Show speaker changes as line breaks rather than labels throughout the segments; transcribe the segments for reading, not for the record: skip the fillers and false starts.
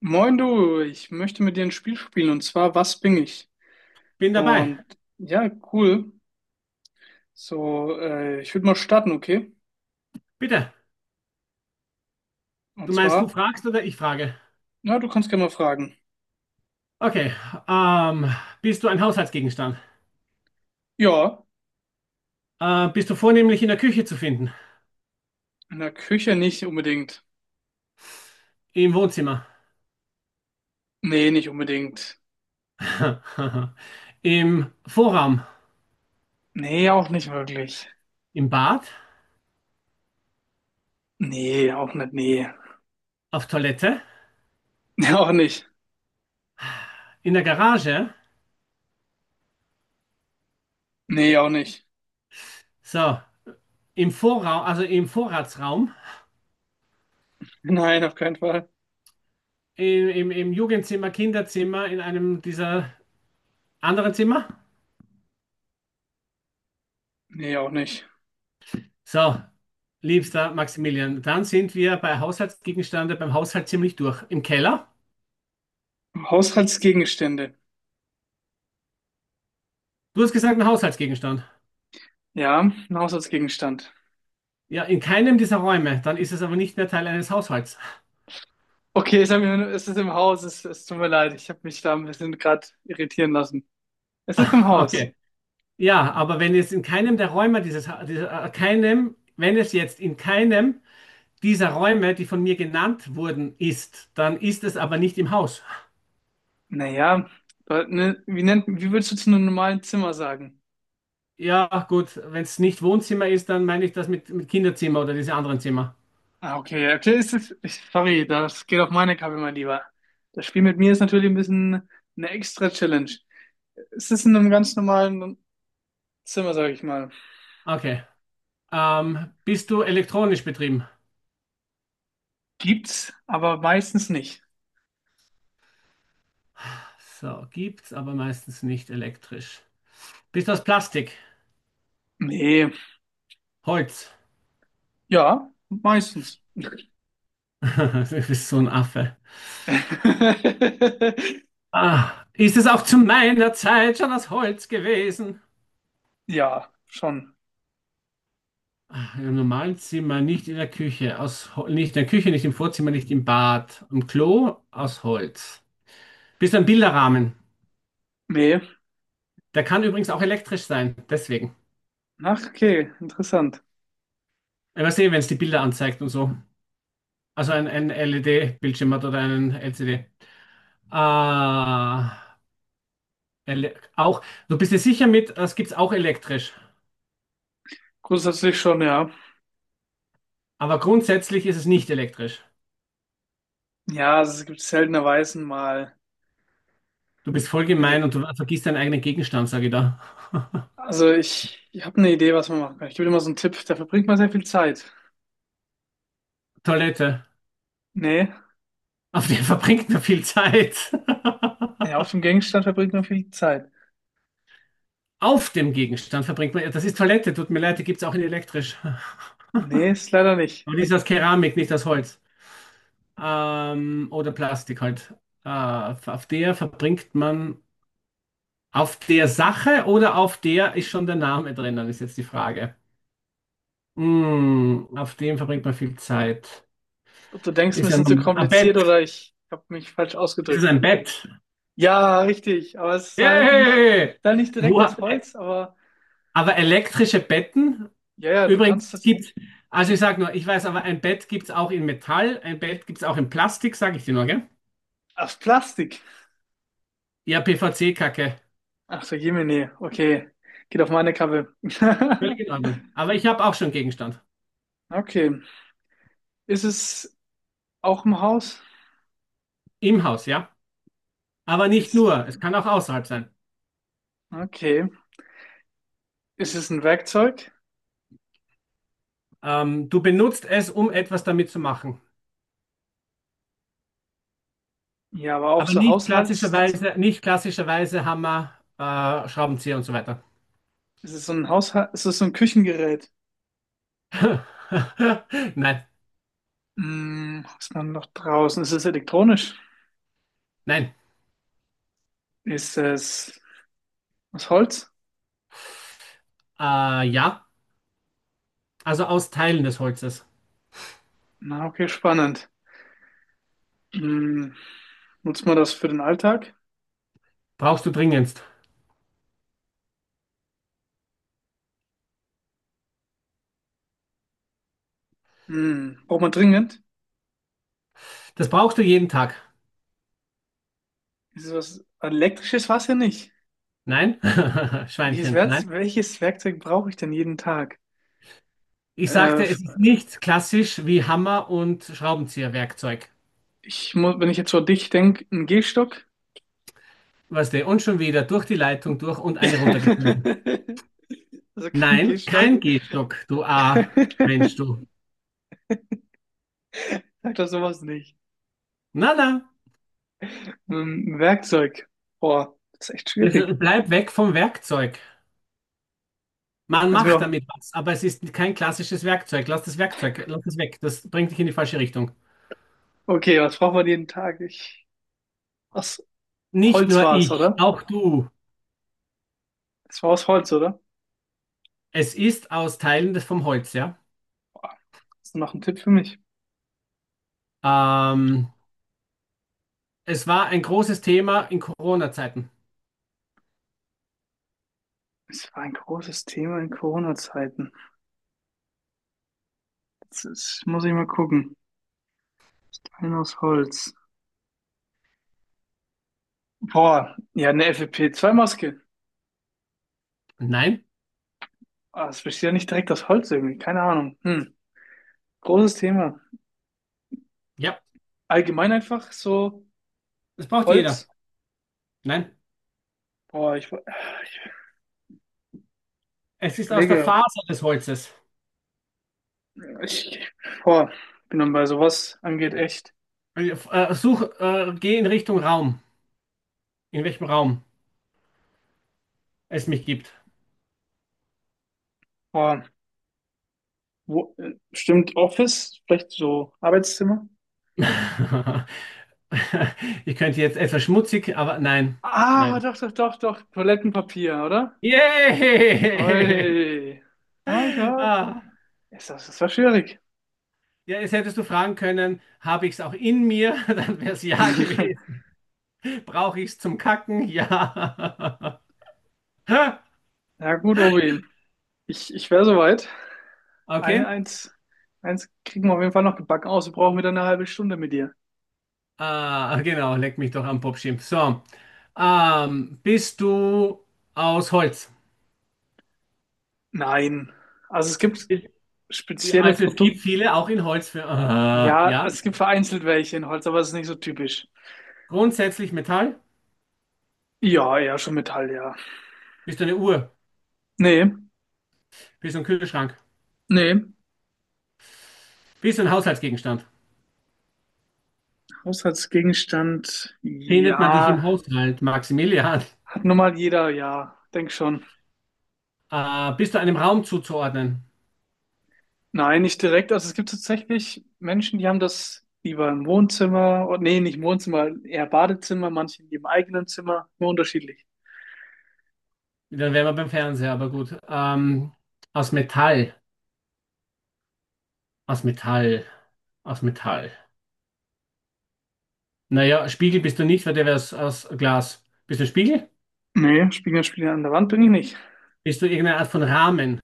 Moin du, ich möchte mit dir ein Spiel spielen und zwar: Was bin ich?
Bin dabei.
Und ja, cool. So, ich würde mal starten, okay?
Bitte. Du
Und
meinst, du
zwar,
fragst oder ich frage?
na, du kannst gerne mal fragen.
Okay. Ähm, Bist du ein Haushaltsgegenstand?
Ja,
Bist du vornehmlich in der Küche zu finden?
in der Küche nicht unbedingt.
Im Wohnzimmer?
Nee, nicht unbedingt.
Im Vorraum?
Nee, auch nicht wirklich.
Im Bad?
Nee, auch nicht, nee.
Auf Toilette?
Nee, auch nicht.
In der Garage?
Nee, auch nicht.
So. Im Vorraum, also im Vorratsraum?
Nein, auf keinen Fall.
Im Jugendzimmer, Kinderzimmer, in einem dieser anderen Zimmer?
Nee, auch nicht.
So. Liebster Maximilian, dann sind wir bei Haushaltsgegenstände beim Haushalt ziemlich durch. Im Keller?
Haushaltsgegenstände.
Du hast gesagt, ein Haushaltsgegenstand.
Ja, ein Haushaltsgegenstand.
Ja, in keinem dieser Räume. Dann ist es aber nicht mehr Teil eines Haushalts.
Okay, es ist im Haus, es tut mir leid, ich habe mich da ein bisschen gerade irritieren lassen. Es ist im Haus.
Okay. Ja, aber wenn es in keinem der Räume dieser, wenn es jetzt in keinem dieser Räume, die von mir genannt wurden, ist, dann ist es aber nicht im Haus.
Naja, ne, wie würdest du zu einem normalen Zimmer sagen?
Ja, gut, wenn es nicht Wohnzimmer ist, dann meine ich das mit Kinderzimmer oder diese anderen Zimmer.
Ah, okay, okay, sorry, das geht auf meine Kappe, mein Lieber. Das Spiel mit mir ist natürlich ein bisschen eine extra Challenge. Es ist in einem ganz normalen Zimmer, sage ich mal.
Okay. Bist du elektronisch betrieben?
Gibt's, aber meistens nicht.
So, gibt's aber meistens nicht elektrisch. Bist du aus Plastik?
Nee,
Holz?
ja, meistens.
Du bist so ein Affe. Ah, ist es auch zu meiner Zeit schon aus Holz gewesen?
Ja, schon.
Im normalen Zimmer, nicht in der Küche, nicht in der Küche, nicht im Vorzimmer, nicht im Bad, im Klo aus Holz. Bist du ein Bilderrahmen?
Nee.
Der kann übrigens auch elektrisch sein, deswegen.
Ach, okay, interessant.
Ich weiß eh, wenn es die Bilder anzeigt und so. Also ein LED-Bildschirm hat oder einen LCD. Ah, ele auch. Du bist dir sicher mit, das gibt's auch elektrisch.
Grundsätzlich schon, ja.
Aber grundsätzlich ist es nicht elektrisch.
Ja, also es gibt seltenerweise mal
Du bist voll gemein
Elekt
und du vergisst deinen eigenen Gegenstand, sage ich da.
also ich habe eine Idee, was man machen kann. Ich gebe dir mal so einen Tipp, da verbringt man sehr viel Zeit.
Toilette.
Nee,
Auf der verbringt man viel Zeit.
ja, auf dem Gegenstand verbringt man viel Zeit.
Auf dem Gegenstand verbringt man. Ja, das ist Toilette, tut mir leid, die gibt es auch in elektrisch.
Nee, ist leider nicht.
Und ist aus Keramik, nicht aus Holz. Oder Plastik halt. Äh, auf der verbringt man. Auf der Sache oder auf der ist schon der Name drinnen, ist jetzt die Frage. Hm, auf dem verbringt man viel Zeit.
Ob du denkst, ein
Ist ja
bisschen zu
ein
kompliziert
Bett.
oder ich habe mich falsch
Ist es
ausgedrückt.
ein Bett?
Ja, richtig, aber es ist halt nicht,
Yay!
dann nicht
Wo,
direkt aus Holz, aber
aber elektrische Betten?
ja, du
Übrigens,
kannst
es
es
gibt, also ich sage nur, ich weiß, aber ein Bett gibt es auch in Metall, ein Bett gibt es auch in Plastik, sage ich dir nur, gell?
aus Plastik.
Ja, PVC-Kacke.
Ach so, Jemine, okay. Geht auf meine Kappe.
Völlig in Ordnung. Aber ich habe auch schon Gegenstand.
Okay. Ist es auch im Haus?
Im Haus, ja. Aber nicht
Ist,
nur, es kann auch außerhalb sein.
okay. Ist es ein Werkzeug?
Du benutzt es, um etwas damit zu machen.
Ja, aber auch
Aber
so
nicht
Haushalts.
klassischerweise, nicht klassischerweise Hammer, Schraubenzieher und so weiter.
Ist es so ein Haushalt? Ist es so ein Küchengerät?
Nein,
Hm, was ist man noch draußen? Ist es elektronisch?
nein.
Ist es aus Holz?
Äh, ja, also aus Teilen des Holzes.
Na, okay, spannend. Hm, nutzt man das für den Alltag?
Brauchst du dringendst.
Hm, braucht man dringend?
Das brauchst du jeden Tag.
Ist es was elektrisches? War es ja nicht.
Nein, Schweinchen, nein.
Welches Werkzeug brauche ich denn jeden Tag?
Ich
Äh,
sagte, es ist nicht klassisch wie Hammer und Schraubenzieherwerkzeug.
ich muss, wenn ich jetzt so an dich denke, ein Gehstock.
Was denn? Und schon wieder durch die Leitung durch und eine runtergeflogen.
Also kein
Nein,
Gehstock.
kein Gehstock, du A-Mensch, du.
Sag doch sowas nicht.
Na, na,
Werkzeug. Boah, das ist echt schwierig.
jetzt bleib weg vom Werkzeug. Man
Kannst du mir
macht
noch.
damit was, aber es ist kein klassisches Werkzeug. Lass das Werkzeug, lass das weg. Das bringt dich in die falsche Richtung.
Okay, was braucht man jeden Tag? Ich. Aus
Nicht
Holz
nur
war es,
ich,
oder?
auch du.
Es war aus Holz, oder?
Es ist aus Teilen des vom Holz, ja.
Boah, hast du noch einen Tipp für mich?
Ähm, Es war ein großes Thema in Corona-Zeiten.
Es war ein großes Thema in Corona-Zeiten. Jetzt ist, muss ich mal gucken. Stein aus Holz. Boah, ja, eine FFP2-Maske.
Nein,
Ah, das besteht ja nicht direkt aus Holz irgendwie. Keine Ahnung. Hm. Großes Thema.
ja,
Allgemein einfach so
das braucht jeder.
Holz.
Nein,
Boah, ich
es ist aus der
überlege,
Faser des Holzes.
ich, boah, bin dann bei sowas angeht echt.
Äh, Such, geh in Richtung Raum, in welchem Raum es mich gibt.
Boah, wo, bestimmt Office, vielleicht so Arbeitszimmer.
Ich könnte jetzt etwas schmutzig, aber nein,
Ah,
nein.
doch, doch, doch, doch, Toilettenpapier, oder?
Yay!
Oi. Ah, ja.
Ah,
Ist das, das war schwierig.
ja, jetzt hättest du fragen können, habe ich es auch in mir? Dann wäre es ja gewesen. Brauche ich es zum Kacken? Ja.
Ja, gut, Obi. Ich wäre soweit. Eine,
Okay.
eins, eins kriegen wir auf jeden Fall noch gebacken aus. Wir brauchen wieder eine halbe Stunde mit dir.
Ah, genau, leck mich doch am Popschimpf. So, bist du aus Holz?
Nein. Also es gibt spezielle
Also es gibt
Produkte.
viele auch in Holz für. Ah,
Ja,
ja.
es gibt vereinzelt welche in Holz, aber es ist nicht so typisch.
Grundsätzlich Metall?
Ja, eher schon Metall, ja.
Bist du eine Uhr?
Nee,
Bist du ein Kühlschrank?
nee.
Bist du ein Haushaltsgegenstand?
Haushaltsgegenstand,
Findet man dich im
ja.
Haushalt, Maximilian?
Hat nun mal jeder, ja. Denk schon.
Bist du einem Raum zuzuordnen?
Nein, nicht direkt. Also es gibt tatsächlich Menschen, die haben das lieber im Wohnzimmer. Oh, nee, nicht im Wohnzimmer, eher Badezimmer, manche in ihrem eigenen Zimmer. Nur unterschiedlich.
Dann wären wir beim Fernseher, aber gut. Aus Metall. Aus Metall. Aus Metall. Naja, Spiegel bist du nicht, weil der wäre aus Glas. Bist du ein Spiegel?
Nee, Spiegel, an der Wand bin ich nicht.
Bist du irgendeine Art von Rahmen?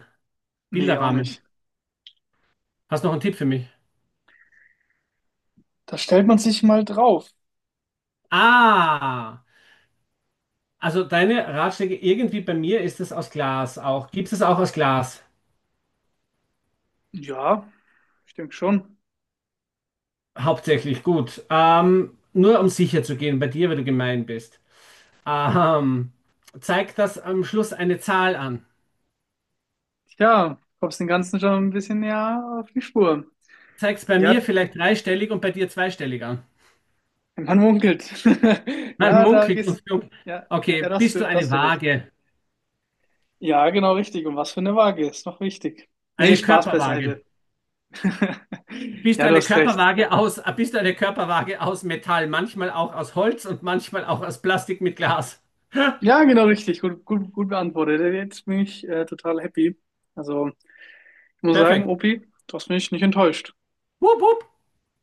Nee, auch
Bilderrahmen?
nicht.
Hast noch einen Tipp für mich?
Da stellt man sich mal drauf.
Ah, also deine Ratschläge irgendwie bei mir ist es aus Glas auch. Gibt es auch aus Glas?
Ja, ich denke schon.
Hauptsächlich, gut. Nur um sicher zu gehen bei dir, weil du gemein bist. Ähm, Zeig das am Schluss eine Zahl an.
Tja, kommst den Ganzen schon ein bisschen näher auf die Spur.
Zeig es bei mir
Ja,
vielleicht dreistellig und bei dir zweistellig an.
man munkelt.
Man
Ja, da
munkelt und
gehst,
flunkelt.
ja, ja,
Okay, bist du
da
eine
hast du recht.
Waage?
Ja, genau richtig. Und was für eine Waage ist noch wichtig. Nee,
Eine
Spaß
Körperwaage?
beiseite.
Bist
Ja, du
eine
hast recht.
Körperwaage aus, bist eine Körperwaage aus Metall, manchmal auch aus Holz und manchmal auch aus Plastik mit Glas.
Ja, genau richtig. Gut, gut, gut beantwortet. Jetzt bin ich, total happy. Also, ich muss sagen,
Perfekt.
Opi, du hast mich nicht enttäuscht.
Wupp, wupp.